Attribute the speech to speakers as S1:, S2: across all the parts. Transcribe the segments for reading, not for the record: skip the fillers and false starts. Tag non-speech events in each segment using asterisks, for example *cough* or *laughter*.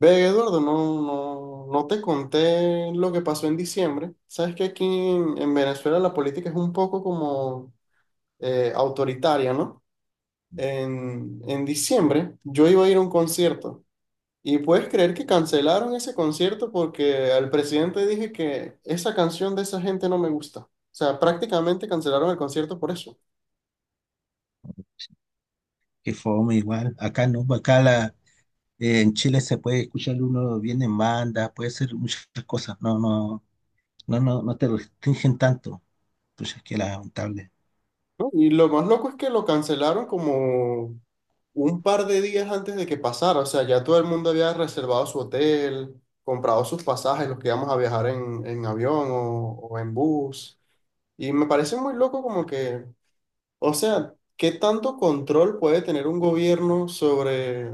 S1: Ve, Eduardo, no te conté lo que pasó en diciembre. Sabes que aquí en Venezuela la política es un poco como autoritaria, ¿no? En diciembre yo iba a ir a un concierto y puedes creer que cancelaron ese concierto porque al presidente dije que esa canción de esa gente no me gusta. O sea, prácticamente cancelaron el concierto por eso,
S2: Que fome igual. Acá no, acá la, en Chile se puede escuchar uno bien en banda, puede ser muchas cosas. No, no te restringen tanto. Pues es que lamentable.
S1: ¿no? Y lo más loco es que lo cancelaron como un par de días antes de que pasara, o sea, ya todo el mundo había reservado su hotel, comprado sus pasajes, los que íbamos a viajar en avión o en bus. Y me parece muy loco como que, o sea, ¿qué tanto control puede tener un gobierno sobre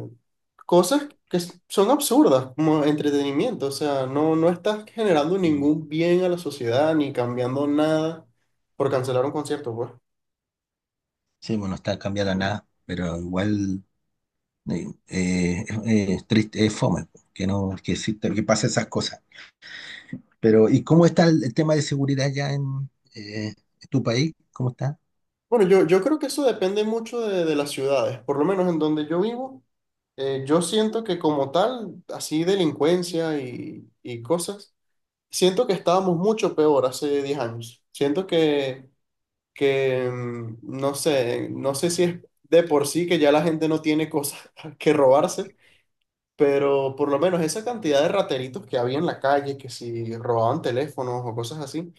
S1: cosas que son absurdas, como entretenimiento? O sea, no estás generando
S2: Mm.
S1: ningún bien a la sociedad ni cambiando nada por cancelar un concierto, pues.
S2: Sí, bueno, no está cambiada nada, pero igual es triste, es fome po, que no, que exista, que pasen esas cosas. Pero, ¿y cómo está el tema de seguridad ya en tu país? ¿Cómo está?
S1: Bueno, yo creo que eso depende mucho de las ciudades, por lo menos en donde yo vivo. Yo siento que como tal, así delincuencia y cosas, siento que estábamos mucho peor hace 10 años. Siento que, no sé, no sé si es de por sí que ya la gente no tiene cosas *laughs* que robarse, pero por lo menos esa cantidad de rateritos que había en la calle, que si robaban teléfonos o cosas así,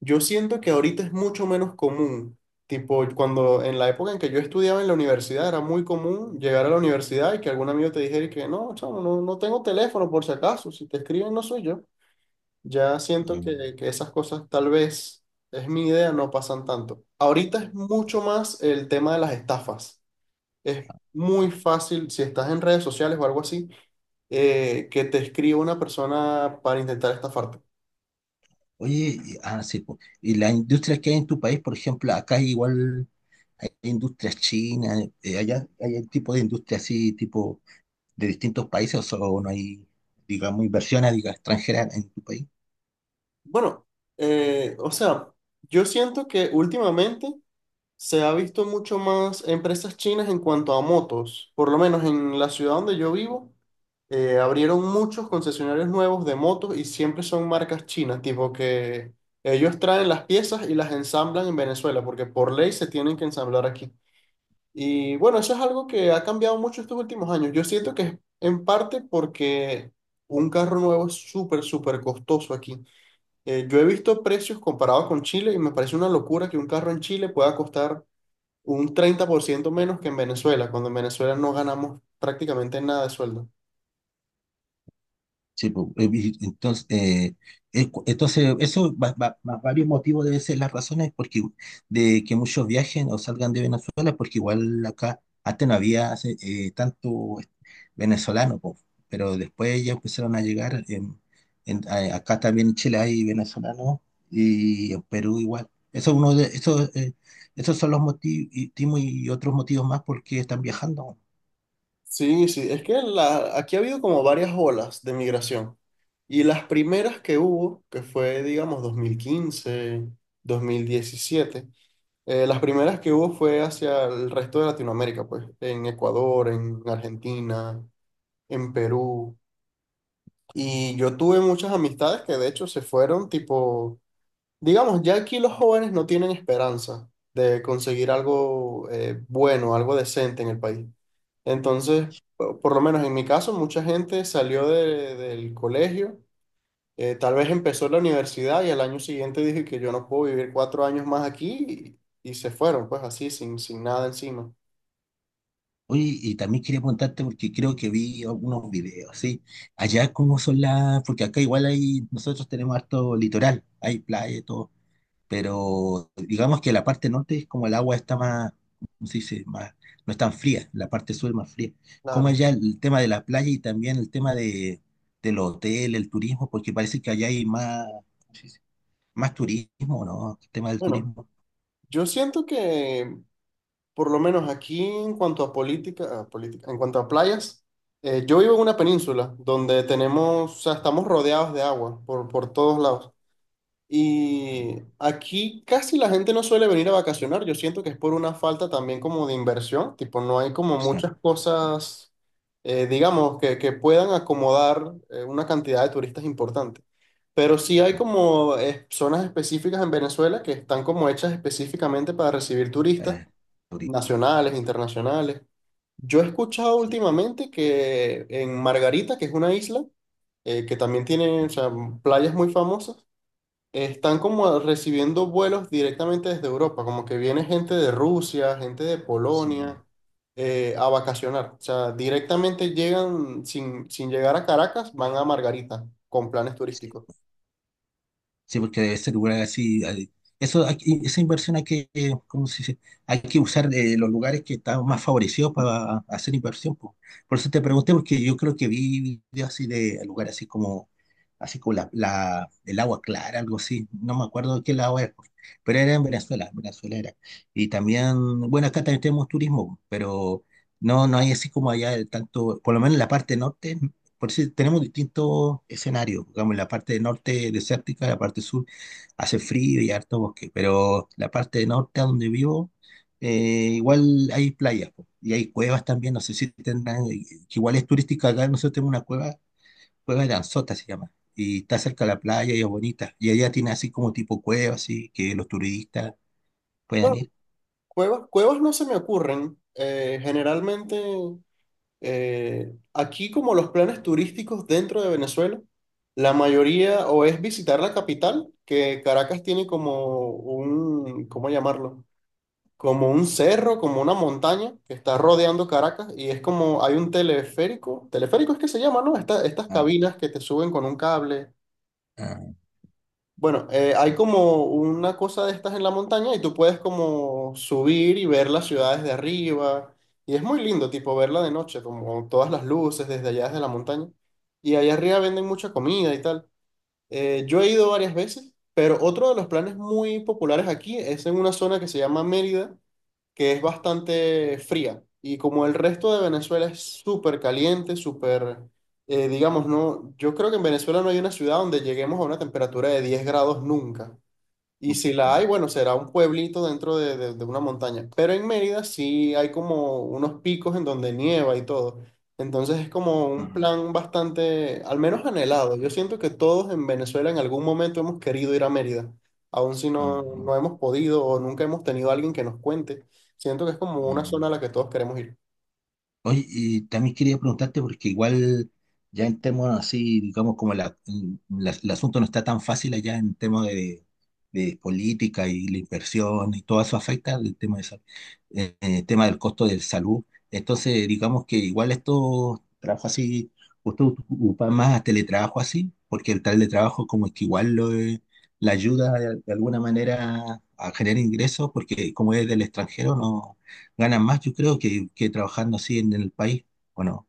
S1: yo siento que ahorita es mucho menos común. Tipo, cuando en la época en que yo estudiaba en la universidad era muy común llegar a la universidad y que algún amigo te dijera y que no, chamo, no tengo teléfono por si acaso, si te escriben no soy yo. Ya siento que,
S2: Mm.
S1: que esas cosas tal vez, es mi idea, no pasan tanto. Ahorita es mucho más el tema de las estafas. Es muy fácil, si estás en redes sociales o algo así, que te escriba una persona para intentar estafarte.
S2: Oye, sí, po. Y las industrias que hay en tu país, por ejemplo, acá hay igual hay industrias chinas, allá hay un tipo de industria así, tipo de distintos países, o, solo no hay, digamos, inversiones, diga, extranjeras en tu país.
S1: Bueno, o sea, yo siento que últimamente se ha visto mucho más empresas chinas en cuanto a motos. Por lo menos en la ciudad donde yo vivo, abrieron muchos concesionarios nuevos de motos y siempre son marcas chinas, tipo que ellos traen las piezas y las ensamblan en Venezuela, porque por ley se tienen que ensamblar aquí. Y bueno, eso es algo que ha cambiado mucho estos últimos años. Yo siento que es en parte porque un carro nuevo es súper, súper costoso aquí. Yo he visto precios comparados con Chile y me parece una locura que un carro en Chile pueda costar un 30% menos que en Venezuela, cuando en Venezuela no ganamos prácticamente nada de sueldo.
S2: Sí, po, entonces, entonces eso, varios motivos deben ser las razones porque, de que muchos viajen o salgan de Venezuela, porque igual acá antes no había hace, tanto venezolano, po, pero después ya empezaron a llegar, acá también en Chile hay venezolanos y en Perú igual. Eso es uno de, eso, esos son los motivos y otros motivos más porque están viajando.
S1: Sí, sí, es que la, aquí ha habido como varias olas de migración y las primeras que hubo, que fue digamos 2015, 2017, las primeras que hubo fue hacia el resto de Latinoamérica, pues en Ecuador, en Argentina, en Perú. Y yo tuve muchas amistades que de hecho se fueron, tipo, digamos, ya aquí los jóvenes no tienen esperanza de conseguir algo bueno, algo decente en el país. Entonces, por lo menos en mi caso, mucha gente salió del colegio, tal vez empezó la universidad y al año siguiente dije que yo no puedo vivir 4 años más aquí y se fueron, pues así, sin nada encima.
S2: Oye, y también quería preguntarte porque creo que vi algunos videos, ¿sí? Allá cómo son las, porque acá igual hay, nosotros tenemos harto litoral, hay playa y todo, pero digamos que la parte norte es como el agua está más, ¿cómo se dice? Más, no es tan fría, la parte sur es más fría. ¿Cómo
S1: Claro.
S2: allá el tema de la playa y también el tema de, del hotel, el turismo? Porque parece que allá hay más, ¿cómo se dice? Más turismo, ¿no? El tema del
S1: Bueno,
S2: turismo,
S1: yo siento que por lo menos aquí en cuanto a política, en cuanto a playas, yo vivo en una península donde tenemos, o sea, estamos rodeados de agua por todos lados. Y aquí casi la gente no suele venir a vacacionar. Yo siento que es por una falta también como de inversión, tipo no hay como
S2: inversión
S1: muchas cosas, digamos, que puedan acomodar una cantidad de turistas importante. Pero sí hay como zonas específicas en Venezuela que están como hechas específicamente para recibir turistas
S2: para turistas,
S1: nacionales,
S2: sí.
S1: internacionales. Yo he escuchado
S2: Sí,
S1: últimamente que en Margarita, que es una isla, que también tiene, o sea, playas muy famosas, están como recibiendo vuelos directamente desde Europa, como que viene gente de Rusia, gente de
S2: sí.
S1: Polonia, a vacacionar. O sea, directamente llegan, sin llegar a Caracas, van a Margarita con planes
S2: Sí.
S1: turísticos.
S2: Sí, porque debe ser lugar así. Eso, esa inversión hay que, ¿cómo se dice? Hay que usar los lugares que están más favorecidos para hacer inversión, po. Por eso te pregunté, porque yo creo que vi videos así de lugares así como la, el agua clara, algo así. No me acuerdo de qué lado es, pero era en Venezuela era. Y también, bueno, acá también tenemos turismo, pero no, no hay así como allá de tanto, por lo menos en la parte norte, por eso tenemos distintos escenarios. Digamos, en la parte del norte desértica, la parte sur hace frío y harto bosque, pero la parte del norte, a donde vivo, igual hay playas po, y hay cuevas también. No sé si tendrán, que igual es turística acá. Nosotros tenemos una cueva, Cueva de Anzota se llama, y está cerca de la playa y es bonita. Y allá tiene así como tipo cueva, así que los turistas puedan
S1: Bueno,
S2: ir.
S1: cuevas no se me ocurren. Generalmente Aquí, como los planes turísticos dentro de Venezuela, la mayoría o es visitar la capital, que Caracas tiene como un, ¿cómo llamarlo? Como un cerro, como una montaña que está rodeando Caracas y es como hay un teleférico es que se llama, ¿no? Estas
S2: Ah,
S1: cabinas que te suben con un cable.
S2: ah,
S1: Bueno, hay
S2: sí.
S1: como una cosa de estas en la montaña y tú puedes como subir y ver las ciudades de arriba. Y es muy lindo, tipo, verla de noche, como todas las luces desde allá, desde la montaña. Y allá arriba venden mucha comida y tal. Yo he ido varias veces, pero otro de los planes muy populares aquí es en una zona que se llama Mérida, que es bastante fría. Y como el resto de Venezuela es súper caliente, súper, digamos, no, yo creo que en Venezuela no hay una ciudad donde lleguemos a una temperatura de 10 grados nunca. Y si la hay, bueno, será un pueblito dentro de una montaña. Pero en Mérida sí hay como unos picos en donde nieva y todo. Entonces es como un
S2: Ah,
S1: plan bastante, al menos anhelado. Yo siento que todos en Venezuela en algún momento hemos querido ir a Mérida, aun si
S2: ah, ah,
S1: no hemos podido o nunca hemos tenido a alguien que nos cuente. Siento que es como una
S2: ah.
S1: zona a la que todos queremos ir.
S2: Oye, y también quería preguntarte, porque igual ya en temas así, digamos, como la, mm, el asunto no está tan fácil allá en temas de política y la inversión y todo eso afecta el tema de tema del costo de salud. Entonces, digamos que igual estos trabajos así, usted ocupa más a teletrabajo así, porque el teletrabajo como que igual lo, la ayuda de alguna manera a generar ingresos, porque como es del extranjero, no ganan más, yo creo, que trabajando así en el país, ¿o no?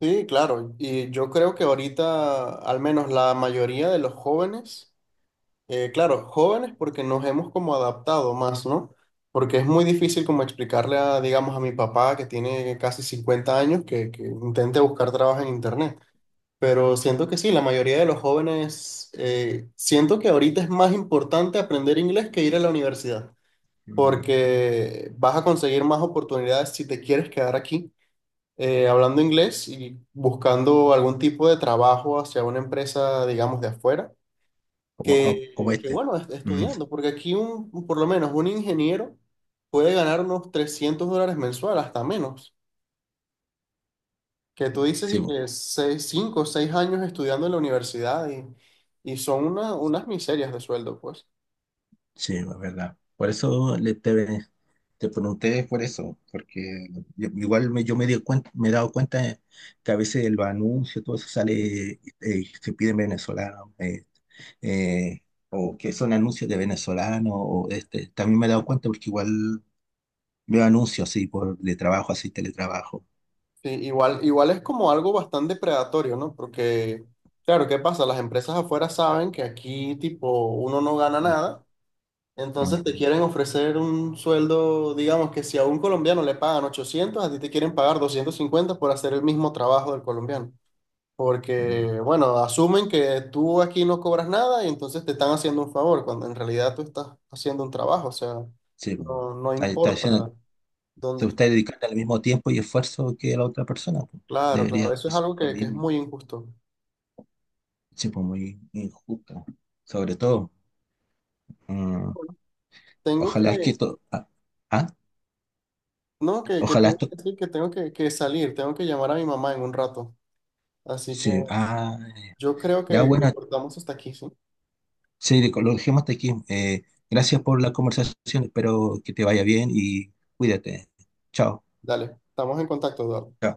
S1: Sí, claro. Y yo creo que ahorita, al menos la mayoría de los jóvenes. Claro, jóvenes porque nos hemos como adaptado más, ¿no? Porque es muy difícil como explicarle a, digamos, a mi papá que tiene casi 50 años que intente buscar trabajo en internet. Pero siento que sí, la mayoría de los jóvenes, siento que ahorita es más importante aprender inglés que ir a la universidad,
S2: Mm, sí.
S1: porque vas a conseguir más oportunidades si te quieres quedar aquí hablando inglés y buscando algún tipo de trabajo hacia una empresa, digamos, de afuera
S2: Como, como este.
S1: bueno,
S2: Mm,
S1: estudiando, porque aquí un, por lo menos un ingeniero puede ganar unos $300 mensual, hasta menos, que tú dices
S2: sí,
S1: y
S2: bo,
S1: que 6 cinco o 6 años estudiando en la universidad y son unas miserias de sueldo, pues.
S2: sí, es verdad. Por eso le, te pregunté por eso, porque igual me, yo me di cuenta, me he dado cuenta que a veces el anuncio todo eso sale, se piden venezolanos, eh, o que son anuncios de venezolanos, o este, también me he dado cuenta porque igual veo anuncios así por de trabajo, así teletrabajo.
S1: Sí, igual, igual es como algo bastante predatorio, ¿no? Porque, claro, ¿qué pasa? Las empresas afuera saben que aquí, tipo, uno no gana
S2: Mm,
S1: nada. Entonces te quieren ofrecer un sueldo, digamos que si a un colombiano le pagan 800, a ti te quieren pagar 250 por hacer el mismo trabajo del colombiano.
S2: mm.
S1: Porque, bueno, asumen que tú aquí no cobras nada y entonces te están haciendo un favor, cuando en realidad tú estás haciendo un trabajo, o sea,
S2: Sí, pues.
S1: no
S2: Ahí está
S1: importa
S2: diciendo, te
S1: dónde.
S2: gusta dedicarte al mismo tiempo y esfuerzo que la otra persona, pues.
S1: Claro, claro,
S2: Debería
S1: eso es
S2: ser
S1: algo
S2: lo
S1: que es
S2: mismo.
S1: muy injusto.
S2: Sí, pues muy injusto. Sobre todo. Mm,
S1: Tengo
S2: ojalá es que
S1: que,
S2: esto. Ah, ah,
S1: no, que
S2: ojalá
S1: tengo
S2: esto.
S1: que decir que tengo que salir, tengo que llamar a mi mamá en un rato. Así que
S2: Sí, ah,
S1: yo creo
S2: ya bueno,
S1: que cortamos hasta aquí, ¿sí?
S2: sí, lo dejemos hasta aquí. Gracias por la conversación. Espero que te vaya bien y cuídate. Chao.
S1: Dale, estamos en contacto, Eduardo.
S2: Chao.